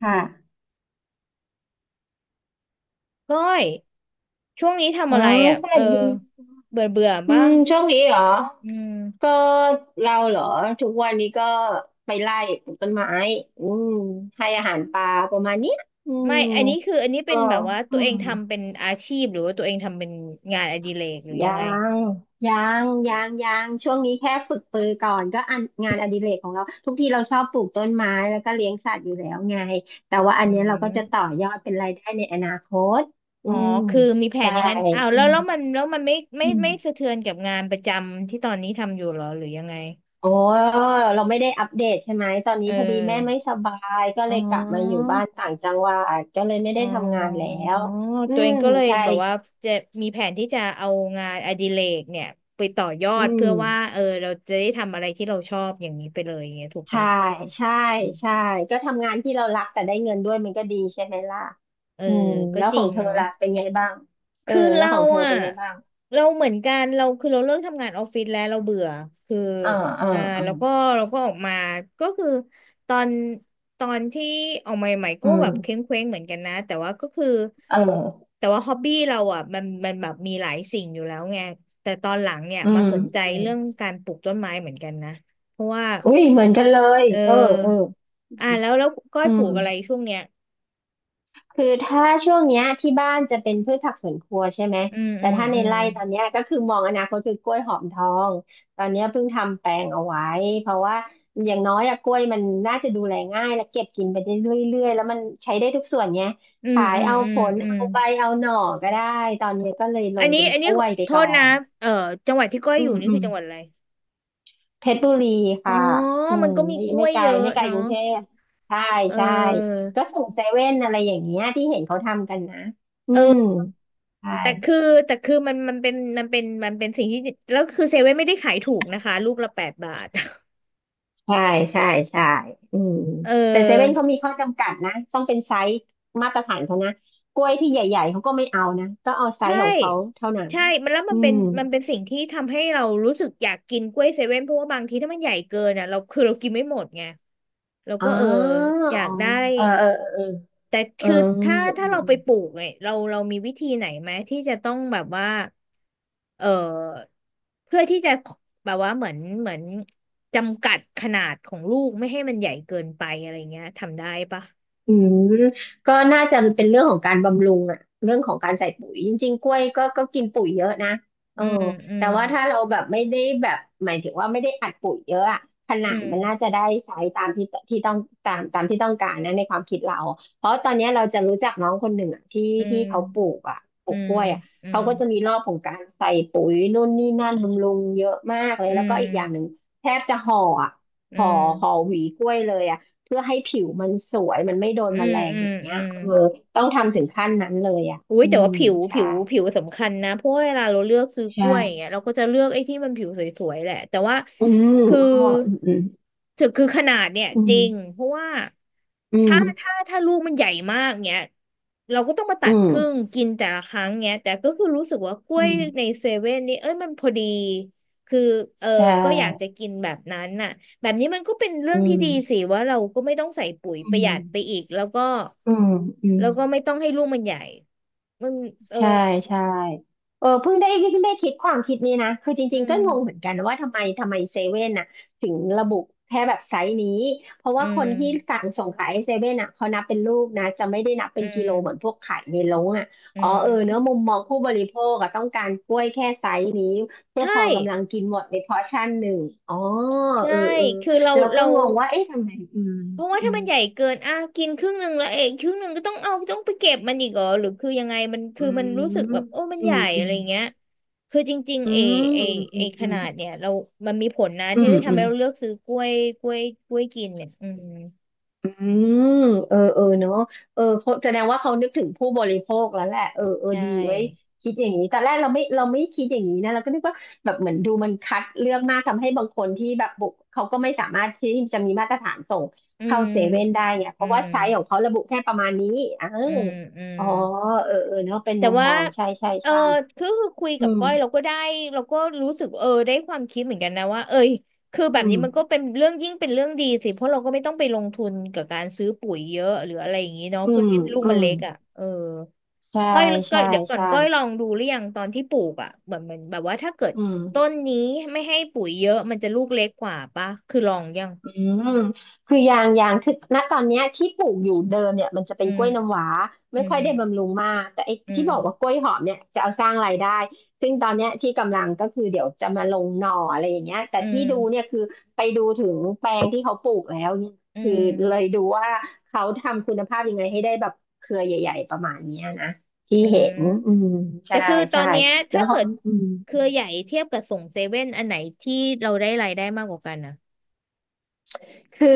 ค่ะก้อยช่วงนี้อ๋ทำออะไรอ่ะสเอวัอสดีเบื่อเบื่อป่ะช่วงนี้เหรออืมก็เราเหรอทุกวันนี้ก็ไปไล่ปลูกต้นไม้อืมให้อาหารปลาประมาณเนี้ยอืไม่มอันนี้เป็ก็นแบบว่าอืตัวเอมงทำเป็นอาชีพหรือว่าตัวเองทำเป็นงานอดิเรกหรือยัยังไงงยัยังช่วงนี้แค่ฝึกปือก่อนก็อันงานอดิเรกของเราทุกทีเราชอบปลูกต้นไม้แล้วก็เลี้ยงสัตว์อยู่แล้วไงแต่ว่าอันอืเนี้ยเราก็จะต่อมยอดเป็นรายได้ในอนาคตอือ๋อมคือมีแผนใช่อย่างนั้นอ้าวอืแล้วมแล้วมันแล้วมันไม่ไม่อืไม่สะม เทือนกับงานประจำที่ตอนนี้ทำอยู่เหรอหรือยังไงโอ้เราไม่ได้อัปเดตใช่ไหมตอนนี้เอพอดีแม่ไม่อสบายก็อ๋เลยกลับมาอยู่อ บ้านต่างจังหวัดก็เลยไม่อ๋ได้ทำงานแล้อวอืตัวเอมงก็เลยใช่แบบว่าจะมีแผนที่จะเอางานอดิเรกเนี่ยไปต่อยออืดมเพื่อว่าเออเราจะได้ทำอะไรที่เราชอบอย่างนี้ไปเลยอย่างเงี้ยถูกใช่ปะใช่อืมใช่ก็ทำงานที่เรารักแต่ได้เงินด้วยมันก็ดีใช่ไหมล่ะเอออืมก็แล้วจขริองงเธอเนาะ ล่ะเป็นไงบ้างเออคือแล้วเราของเธออ่ะเป็นไงบ้างเราเหมือนกันเราคือเราเลิกทำงานออฟฟิศแล้วเราเบื่อคืออ่าอ่าอ่าอ่าแล้วก็เราก็ออกมาก็คือตอนตอนที่ออกมาใหม่ๆอืก็แบบเคว้งมเคว้งเหมือนกันนะแต่ว่าก็คือเออแต่ว่าฮ็อบบี้เราอ่ะมันแบบมีหลายสิ่งอยู่แล้วไงแต่ตอนหลังเนี่ยอืมามสนใจอืมเรื่องการปลูกต้นไม้เหมือนกันนะเพราะว่าอุ้ยเหมือนกันเลยเเออเอออออ่าแล้วก้อยอืปลูม กอะไรช่วงเนี้ยคือถ้าช่วงเนี้ยที่บ้านจะเป็นพืชผักสวนครัวใช่ไหมอืมแต่อืมถ้าในอืมไร่ตอนเนี้ยก็คือมองอนาคตคือกล้วยหอมทองตอนเนี้ยเพิ่งทำแปลงเอาไว้เพราะว่าอย่างน้อยอะกล้วยมันน่าจะดูแลง่ายและเก็บกินไปได้เรื่อยๆแล้วมันใช้ได้ทุกส่วนเนี้ยอืมขายอืมเอาอืผมลอืม เอาใบเอาหน่อก็ได้ตอนเนี้ยก็เลยลอันงนี้เป็นอันกนี้ล้วยไปโทก่อษนะนเอ่อจังหวัดที่ก้อยอือยู่มนี่อืคือม จังหวัดอะไร เพชรบุรีอ๋อ ค่ะมันก็มีไม่กล้ไม่วยไกลเยอะไม่ไกลเนาะกรุงเทพใช่เใช่ออก็ส่งเซเว่นอะไรอย่างเงี้ยที่เห็นเขาทำกันนะอืมเออใช่แต่คือแต่คือมันมันเป็นมันเป็นมันเป็นสิ่งที่แล้วคือเซเว่นไม่ได้ขายถูกนะคะลูกละแปดบาท ใช่ใช่ใช่อืมเแต่เซเว่นออเขามีข้อจำกัดนะต้องเป็นไซส์มาตรฐานเขานะกล้วยที่ใหญ่ๆเขาก็ไม่เอานะต้องเอาไซใช่ส์ของเขาเท่านั้นใช่มันแล้วมัอืนเป็นมมันเป็นสิ่งที่ทำให้เรารู้สึกอยากกินกล้วยเซเว่นเพราะว่าบางทีถ้ามันใหญ่เกินอ่ะเราคือเรากินไม่หมดไงเราอ๋อก็เอออยาอ๋กอได้ เออเออเออแต่เออคืออืมถ้าอืเราม ไปปลูกเนี่ยเรามีวิธีไหนไหมที่จะต้องแบบว่าเออเพื่อที่จะแบบว่าเหมือนจำกัดขนาดของลูกไม่ให้มันใหญ่เกินไปอะไรเงี้ยทำได้ปะอืมก็น่าจะเป็นเรื่องของการบำรุงอะเรื่องของการใส่ปุ๋ยจริงๆกล้วยก็กินปุ๋ยเยอะนะเออือมอืแต่มว่าถ้าเราแบบไม่ได้แบบหมายถึงว่าไม่ได้อัดปุ๋ยเยอะอะขนาอืดมมันน่าจะได้ใช้ตามที่ที่ต้องตามที่ต้องการนะในความคิดเราเพราะตอนเนี้ยเราจะรู้จักน้องคนหนึ่งอะที่อืที่มเขาปลูกอะปลูอืกมกล้วยอะอืเขามก็จะมีรอบของการใส่ปุ๋ยนู่นนี่นั่นบำรุงเยอะมากเลยอืแล้วมก็อีกอย่างหนึ่งแทบจะห่ออะอืห่อมห่อหวีกล้วยเลยอะ เพื่อให้ผิวมันสวยมันไม่โดนอืแมมลงอือมย่างเงี้อืยม เออต้องทำถึงขั้นนั้นเลยอ่ะอุ้ยแต่ว่าผิวใช่ผิวผิวสำคัญนะเพราะว่าเวลาเราเลือกซื้อกใช่ล้วยอย่างเงี้ยเราก็จะเลือกไอ้ที่มันผิวสวยๆแหละแต่ว่าอืมคืออ๋ออืมถึงคือขนาดเนี่ยอืจริงมเพราะว่าอืถ้ามถ้าถ้าลูกมันใหญ่มากเงี้ยเราก็ต้องมาตัอืดมครึ่งกินแต่ละครั้งเงี้ยแต่ก็คือรู้สึกว่ากล้อืวยมอืในมเซเว่นนี่เอ้ยมันพอดีคือเออใช่ก็อยากจะกินแบบนั้นน่ะแบบนี้มันก็เป็นเรื่องอืที่มดีสิว่าเราก็ไม่ต้องใส่ปุ๋ยปอืระหยัมดไปอีกแล้วก็อืมอืม แล้วก็ไม่ต้องให้ลูกมันใหญ่ มันเออใช่ใช่เออเพิ่งได้คิดความคิดนี้นะคือจอืริงๆมก็งงเหมือนกันว่าทำไมเซเว่นน่ะถึงระบุแค่แบบไซส์นี้เพราะอืว่าคนที่มสั่งส่งขายเซเว่นน่ะเขานับเป็นลูกนะจะไม่ได้นับเป็อืนกิโลเหมือนพมวกขายในโรงอ่ะอือ๋อเออเนอะมุมมมองผู้บริโภคอะต้องการกล้วยแค่ไซส์นี้เพื่อใช่พอกำลังกินหมดในพอร์ชั่นหนึ่งอ๋อเออใช่เออคือเราแล้วก็เรางงว่าเอ๊ะทำไมอืมเพราะว่าอืถ้ามมันใหญ่เกินอ่ะกินครึ่งหนึ่งแล้วเองครึ่งหนึ่งก็ต้องเอาต้องไปเก็บมันอีกเหรอหรือคือยังไงมันอืคือมันรู้สึกแบบมโอ้มันอืใหญ่มอือะไรมเงี้ยคือจริงอืๆเอมเออืเอมขอืมนาดเนี่ยเรามันมีผลนะอืที่มอืได้มอืทำให้ม เราเลือกซื้อกล้วยกล้วยกล้วยกินเนี่ยอืมอืมเออเออเนาะเออเขาแสดงว่าเขานึกถึงผู้บริโภคแล้วแหละเออเออใชดีไว้่คิดอย่างนี้แต่แรกเราไม่คิดอย่างนี้นะเราก็นึกว่าแบบเหมือนดูมันคัดเลือกมากทำให้บางคนที่แบบบุกเขาก็ไม่สามารถที่จะมีมาตรฐานส่งอืเข้ามเซเว่นได้เนี่ยเพอืราะมว่าไซส์ของเขาระบุแค่ประมาณนี้อ่าอืมอืม อ๋อเออเออเนาะเป็นแต่มุมว่ามองใช่ใช่เออใช่คือคุยอืกับมก้อยเราก็ได้เราก็รู้สึกเออได้ความคิดเหมือนกันนะว่าเอยคือแบอืบนี้มันก็มเป็นเรื่องยิ่งเป็นเรื่องดีสิเพราะเราก็ไม่ต้องไปลงทุนกับการซื้อปุ๋ยเยอะหรืออะไรอย่างนี้เนาะอืเพื่อมให้ลูกอืมันมเล็กอ่ะเออใช่ก้อยก้อใช่ยเดี๋ยวก่อนใช่ก้อยลองดูหรือยังตอนที่ปลูกอ่ะเหมือนเหมือนแบบว่าถ้าเกิดอืม ต้นนี้ไม่ให้ปุ๋ยเยอะมันจะลูกเล็กกว่าปะคือลองยังมคือยางคือณตอนเนี้ยที่ปลูกอยู่เดิมเนี่ยมันจะเป็อืนกมล้วยน้ำว้าอืไม่ค่มอยได้บำรุงมากแต่ไอ้อืที่บอกว่ากมล้วยหอมเนี่ยจะเอาสร้างรายได้ซึ่งตอนเนี้ยที่กำลังก็คือเดี๋ยวจะมาลงหน่ออะไรอย่างเงี้ยแต่อืที่ดูเนี่ยมคือไปดูถึงแปลงที่เขาปลูกแล้วเนี่ยอืคือมเลยดูว่าเขาทำคุณภาพยังไงให้ได้แบบเครือใหญ่ๆประมาณเนี้ยนะที่อืเห็ม นอืมแต่ใช่คือตอใช่นเนี้ยแล้ถ้าวก็เกิดอืม เครือใหญ่เทียบกับส่งเซเว่นอันไหนที่เราได้รายได้มากกว่ากันนะคือ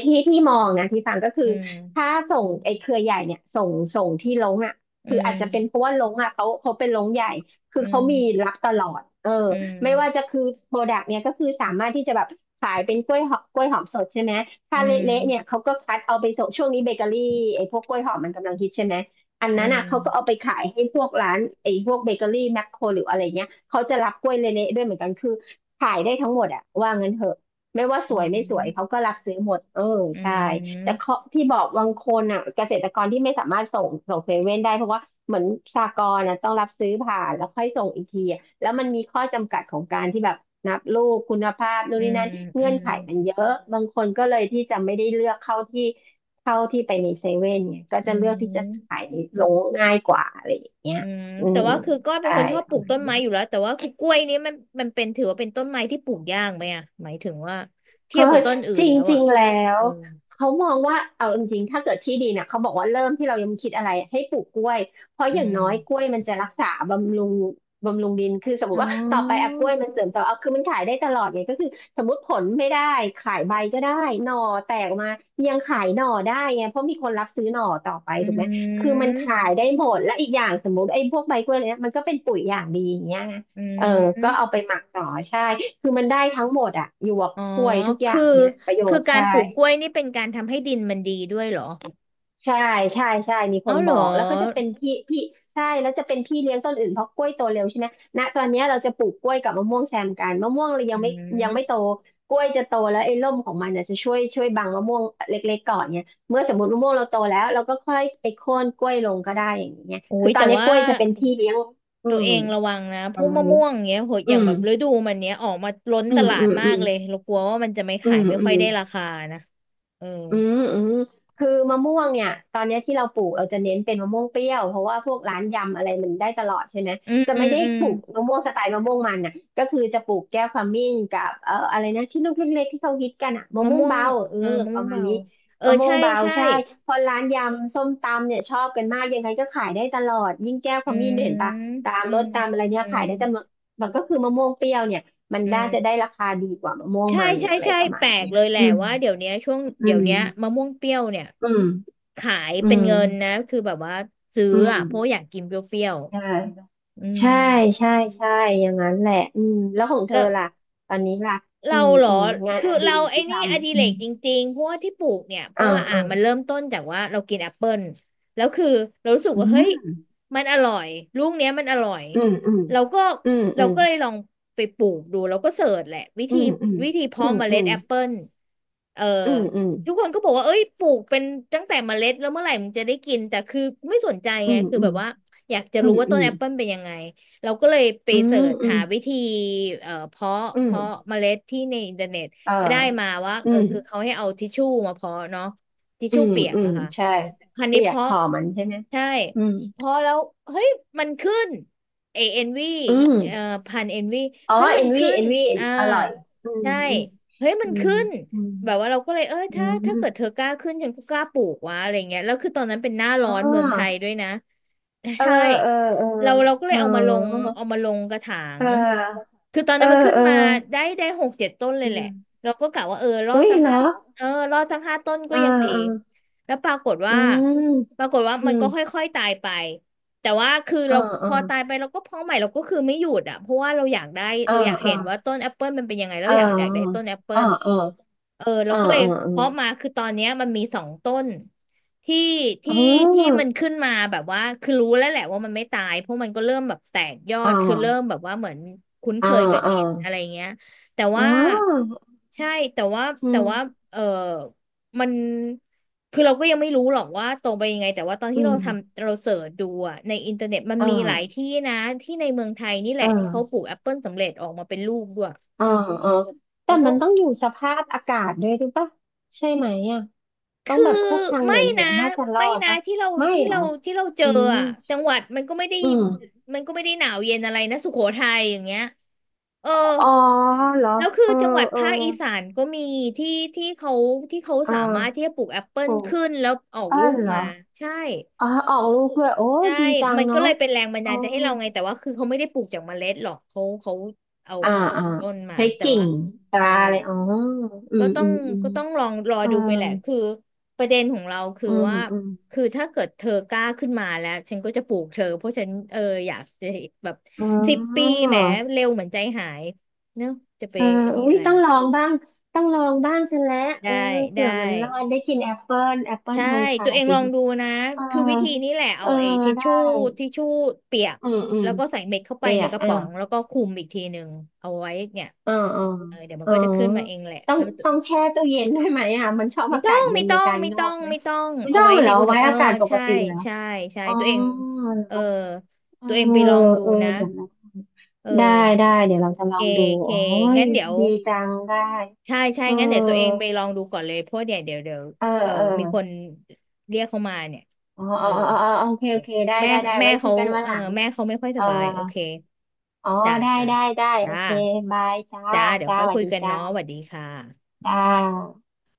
ที่ที่มองนะที่ฟังก็คือือถ้ามไอ้เครือใหญ่เนี่ยส่งที่ลงอ่ะอืคืออาจจะเป็นเพมราะว่าลงอ่ะเขาเป็นลงใหญ่คือือเขามมีรับตลอดเอออืไม่ว่าจะมคือโปรดักต์เนี่ยก็คือสามารถที่จะแบบขายเป็นกล้วยหอมกล้วยหอมสดใช่ไหมอืถ้าเละๆเนี่ยมเขาก็คัดเอาไปส่งช่วงนี้เบเกอรี่ไอ้พวกกล้วยหอมมันกำลังฮิตใช่ไหมอันอืนั้นอ่ะเขาก็เอามไปขายให้พวกร้านไอ้พวกเบเกอรี่แมคโครหรืออะไรเงี้ยเขาจะรับกล้วยเละๆด้วยเหมือนกันคือขายได้ทั้งหมดอะว่างั้นเถอะ ไม่ว่าสวยไม่สวยอเขาก็รักซื้อหมดเออืใช่แต่มเขาที่บอกบางคนอ่ะเกษตรกรที่ไม่สามารถส่งเซเว่นได้เพราะว่าเหมือนสหกรณ์อ่ะต้องรับซื้อผ่านแล้วค่อยส่งอีกทีอะแล้วมันมีข้อจำกัดของการที่แบบนับลูกคุณภาพนู่นอืนี่มนั่นอืเงื่อนมไขอืมมันเยอะบางคนก็เลยที่จะไม่ได้เลือกเข้าที่เข้าที่ไปในเซเว่นเนี่ยก็อืจะเลือกที่จะมขายในโรงง่ายกว่าอะไรอย่างเงี้ยอืมอืแต่มว่าคือก็เป็นใช่ คนชอบปลูกต้นไม้อยู่แล้วแต่ว่าคือกล้วยนี้มันมันเป็นถือว่าเป็นต้นไม้ที่ปลูกยากไหมอ่ะหมายถึงว่าเพเทียบราะกับต้นอื่จนแล้วริอ่ะงๆแล้เอวอเขามองว่าเอาจริงๆถ้าเกิดที่ดีเนี่ยเขาบอกว่าเริ่มที่เรายังไม่คิดอะไรให้ปลูกกล้วยเพราะอือย่างน้อยกล้วมยมันจะรักษาบำรุงดินคือสมมอ๋ติว่าต่อไปออะกล้วยมันเสริมต่อเอาคือมันขายได้ตลอดไงก็คือสมมติผลไม่ได้ขายใบก็ได้หน่อแตกออกมายังขายหน่อได้ไงเพราะมีคนรับซื้อหน่อต่อไปอืถูกไหมคือมันมขายได้หมดและอีกอย่างสมมติไอ้พวกใบกล้วยเนี่ยมันก็เป็นปุ๋ยอย่างดีอย่างเงี้ย อืเออก็เอาไปม หมักต่อใช่ คือมันได้ทั้งหมดอะหยวกอ๋อกล้วยทุกอย่าคืองเนี่ยประโยคือชน์การใช่ ปลูกกล้วยนี่เป็นการทำให้ดินมันดีด้วยเหรอใช่ ใช่ใช่มีคอ๋อนเหบรออกแล้วก็จะเป็นพี่ใช่แล้วจะเป็นพี่เลี้ยงต้นอื่นเพราะกล้วยโตเร็วใช่ไหมณตอนเนี้ยเราจะปลูกกล้วยกับมะม่วงแซมกันมะม่วงเรายัอืงไม่ยังไม่โตมกล้วยจะโตแล้วไอ้ร่มของมันเนี่ยจะช่วยบังมะม่วงเล็กๆก่อนเนี่ยเมื่อสมมติมะม่วงเราโตแล้วเราก็ค่อยไปโค่นกล้วยลงก็ได้อย่างเงี้ยโอ้คือยตอแต่นนี้ว่ากล้วยจะเป็นพี่เลี้ยงอืตัวมเองระวังนะพปวระกมาณมะนี้ม่วงเงี้ยโหอือย่างมแบบฤดูมันเนี้ยออกมาล้นอืตมลาอืดมมาอืกมเลยเรากลัวว่ามันจะไม่อืขายมไม่อืค่อยม ได้ราคานะเอออืมอืมคือมะม่วงเนี่ยตอนเนี้ยที่เราปลูกเราจะเน้นเป็นมะม่วงเปรี้ยวเพราะว่าพวกร้านยำอะไรมันได้ตลอดใช่ไหมอืมจะอืไม่มได้อืมปลูกมะม่วงสไตล์มะม่วงมันน่ะก็คือจะปลูกแก้วขมิ้นกับอะไรนะที่ลูกเล็กๆที่เขาฮิตกันอ่ะมะมะม่วงม่วงเบาเออเออมะปม่วระงมาณเบานี้เออมะม่วใช่งเบาใช่ใช่คนร้านยำส้มตำเนี่ยชอบกันมากยังไงก็ขายได้ตลอดยิ่งแก้วขอืมิ้นเนี่ยเห็นปะมตามอืรมถตามอะไรเนี่อืยขามยได้แต่มะมันก็คือมะม่วงเปรี้ยวเนี่ยมันอืน่าม จะได้ราคาดีกว่ามะม่วงใช่มันใช่น่ะอะไรใช่ประมาแปณลกเนี้ยเลยแหละอืมว่าเดี๋ยวเนี้ยช่วงอืเดี๋ยวเนี้ยม มะม่วงเปรี้ยวเนี่ยอืม ขายอืเป็นมเงินนะคือแบบว่าซื้ออืมอ่ะเพราะอยากกินเปรี้ยวใช่ ๆอืมใช่ใช่ใช่อย่างนั้นแหละอืมแล้วของเธแล้อว ล่ะตอนนี้ล่ะอืเรามเหรอ อืมงานคืออดิเราเรกไอ้ที่ทนี่อดิำอืเรมกจริงๆเพราะว่าที่ปลูกเนี่ยเพอ่าราะว่าอ่ามันเริ่มต้นจากว่าเรากินแอปเปิลแล้วคือเรารู้สึกอืว่าเฮ้ยมมันอร่อยลูกเนี้ยมันอร่อยอืมอืมเราก็อืมเราอืมก็เลยลองไปปลูกดูเราก็เสิร์ชแหละวิอืธีมอืมวิธีเพาะเมอืล็ดมแอปเปิลเอออืทุกคมนก็บอกว่าเอ้ยปลูกเป็นตั้งแต่เมล็ดแล้วเมื่อไหร่มึงจะได้กินแต่คือไม่สนใจอืไงมคืออืแบมบว่าอยากจะอืรู้มว่าอืต้นมแอปเปิลเป็นยังไง เราก็เลยไปอืเสิมอืมร์ชอืมหาอืวิมธีเพาะอืมเพาะเมล็ดที่ในอินเทอร์เน็ตเออก็ได้มาว่าอืเออมคือเขาให้เอาทิชชู่มาเพาะเนาะทิชอืชู่มเปียกอืมอะค่ะใช่ คราวนี้เปียกเพาะหอมมันใช่ไหมใช่อืมเพาะแล้วเฮ้ยมันขึ้นเอเอ็นวีอืม เอ่อพันเอ็นวีอ๋อเฮ้ยมัเอ็นนวีขึ้เอ็นนวีอ่าอร่อยอืใช่มเฮ้ยมัอืนมขึ้นอืมแบบว่าเราก็เลยเอออืถ้ามอืถ้ามเกิดเธอกล้าขึ้นฉันก็กล้าปลูกวะอะไรเงี้ยแล้วคือตอนนั้นเป็นหน้าร้อ๋อนเมืองไทยอด้วยนะเออใช่ เออเราก็เลเอยเอามาลงอเอามาลงกระถาเองอคือตอนเอนั้อนมันขึ้นเออมาเออได้6-7 ต้นเลอืยแหละมเราก็กะว่าเออรอดอุ้ยสักเหรอห้าเออรอดสัก5 ต้นก็เออยังดีเออแล้วปรากฏอืว่ามปรากฏว่าอืมันมก็ค่อยๆตายไปแต่ว่าคือเออเราเอพออตายไปเราก็เพาะใหม่เราก็คือไม่หยุดอ่ะเพราะว่าเราอยากได้เออเราอยากเออเห็นว่าต้นแอปเปิลมันเป็นยังไงเเราอยากได้อต้อนแอปเปิเออล เออเออเอเราอก็เลยเออเออเพาะมาคือตอนเนี้ยมันมี2 ต้นที่ที่ที่มันขึ้นมาแบบว่าคือรู้แล้วแหละว่ามันไม่ตายเพราะมันก็เริ่มแบบแตกยออ๋อดคือเริ่มแบบว่าเหมือนคุ้นอ๋เคอยกับอ๋ออ๋อดินอะไรออเงี้ยแต่ว่าใช่แต่ว่าอืแต่ว่ามเออมันคือเราก็ยังไม่รู้หรอกว่าตรงไปยังไงแต่ว่าตอนอืที่เรามทำเราเสิร์ชดูอะในอินเทอร์เน็ตมันเอมีหลายอที่นะที่ในเมืองไทยนี่แหเอละที่เขาปลูอ กแอปเปิลสำเร็จออกมาเป็นลูกด้วยเออเออแล้แต่วก็ มันต้องอยู่สภาพอากาศด้วยหรือปะใช่ไหมอ่ะต้องคือแบบพวกทางเหนไม่ือนะๆน่าจะรอไม่ดนะปะที่เราไม่ที่หรอเราที่เราเจอือมอะจังหวัดอืมมันก็ไม่ได้หนาวเย็นอะไรนะสุโขทัยอย่างเงี้ยเอออ๋อเหรอแล้วคือเออจังหวัดเออภาคอีสานก็มีที่ที่เขาที่เขาอ่สามารถที่จะาปลูกแอปเปิลโอ้ขึ้นแล้วออกอ้าลูวกเหรอมาใช่อ๋อออกลูกด้วยโอ้ใช่ดีจังมันก็เนาะเลยเป็นแรงบันอ๋อดาลใจให้เราไงแต่ว่าคือเขาไม่ได้ปลูกจากเมล็ดหรอกเขาเอาอ่าแบบอ่าต้นมาใช้แต่กิ่ว่างตราใช่ อะไรอ๋ออืก็มต้ออืงมอืมก็ต้องลองรอเออดูไปแหละคือประเด็นของเราคืออืมว่าอืมคือถ้าเกิดเธอกล้าขึ้นมาแล้วฉันก็จะปลูกเธอเพราะฉันเอออยากจะแบบอ๋อ 10 ปีแหมเร็วเหมือนใจหายเนอะจะไปเออนี่อุ้อะยไรต้องลองบ้างต้องลองบ้างฉันแล้วเอได้อได้เผื่อมันรอดได้กินแอปเปิลแอปเปิลใช่เมืองไทตัวเอยงลองดูนะเออคือวิธีนี้แหละเอเอาอ ไอ้ทิชได้ชู่ทิชชู่เปียกอืมอืมแล้วก็ใส่เม็ดเข้าไปเปียในก กระอ่ะป๋องแล้วก็คลุมอีกทีหนึ่งเอาไว้เนี่ยอ๋ออ๋อเออเดี๋ยวมันอ๋อก็จะขึ้นมาเองแหละต้องแล้ว ต้องแช่ตู้เย็นด้วยไหมอ่ะมันชอบไม่อาต้อกาศงเย็ไม่นในต้องการไม่งอต้อกงไหมไม่ต้องไม่เอาต้อไว้งเหรในออุณหไว้เอออากาศปกใช่ติเหรอใช่ใช่อ๋อตัวเองเหรเอออเออตัวเองไปลองดูเออนะเดี๋ยวเราเอได้ ได้ อเดี๋ยวเราจะลเคองดูเคโอ้ยงั้นเดี๋ยวดีจังได้ ใช่ใช่เองั้นเดี๋ยวตัวเองอ ไปลองดูก่อนเลยเพราะเดี๋ยวเออเออเออ มีคนเรียกเขามาเนี่ยอ๋อเออ๋อออ๋ออ๋อโอเค โอเดี๋ยวเค ได้ แม่ได้ ได้ แม่ไว้คุเขายกันวันเอหอลัง แม่เขาไม่ค่อยเอสอบายโอเคอ๋อจ้าได้ จ้าได้ ได้ โอจ้าเค บาย จ้า จ้าเดี๋ยวจ้าค่อสยวัคุสยดีกันจ้า เนาะสวัสดีค่ะจ้า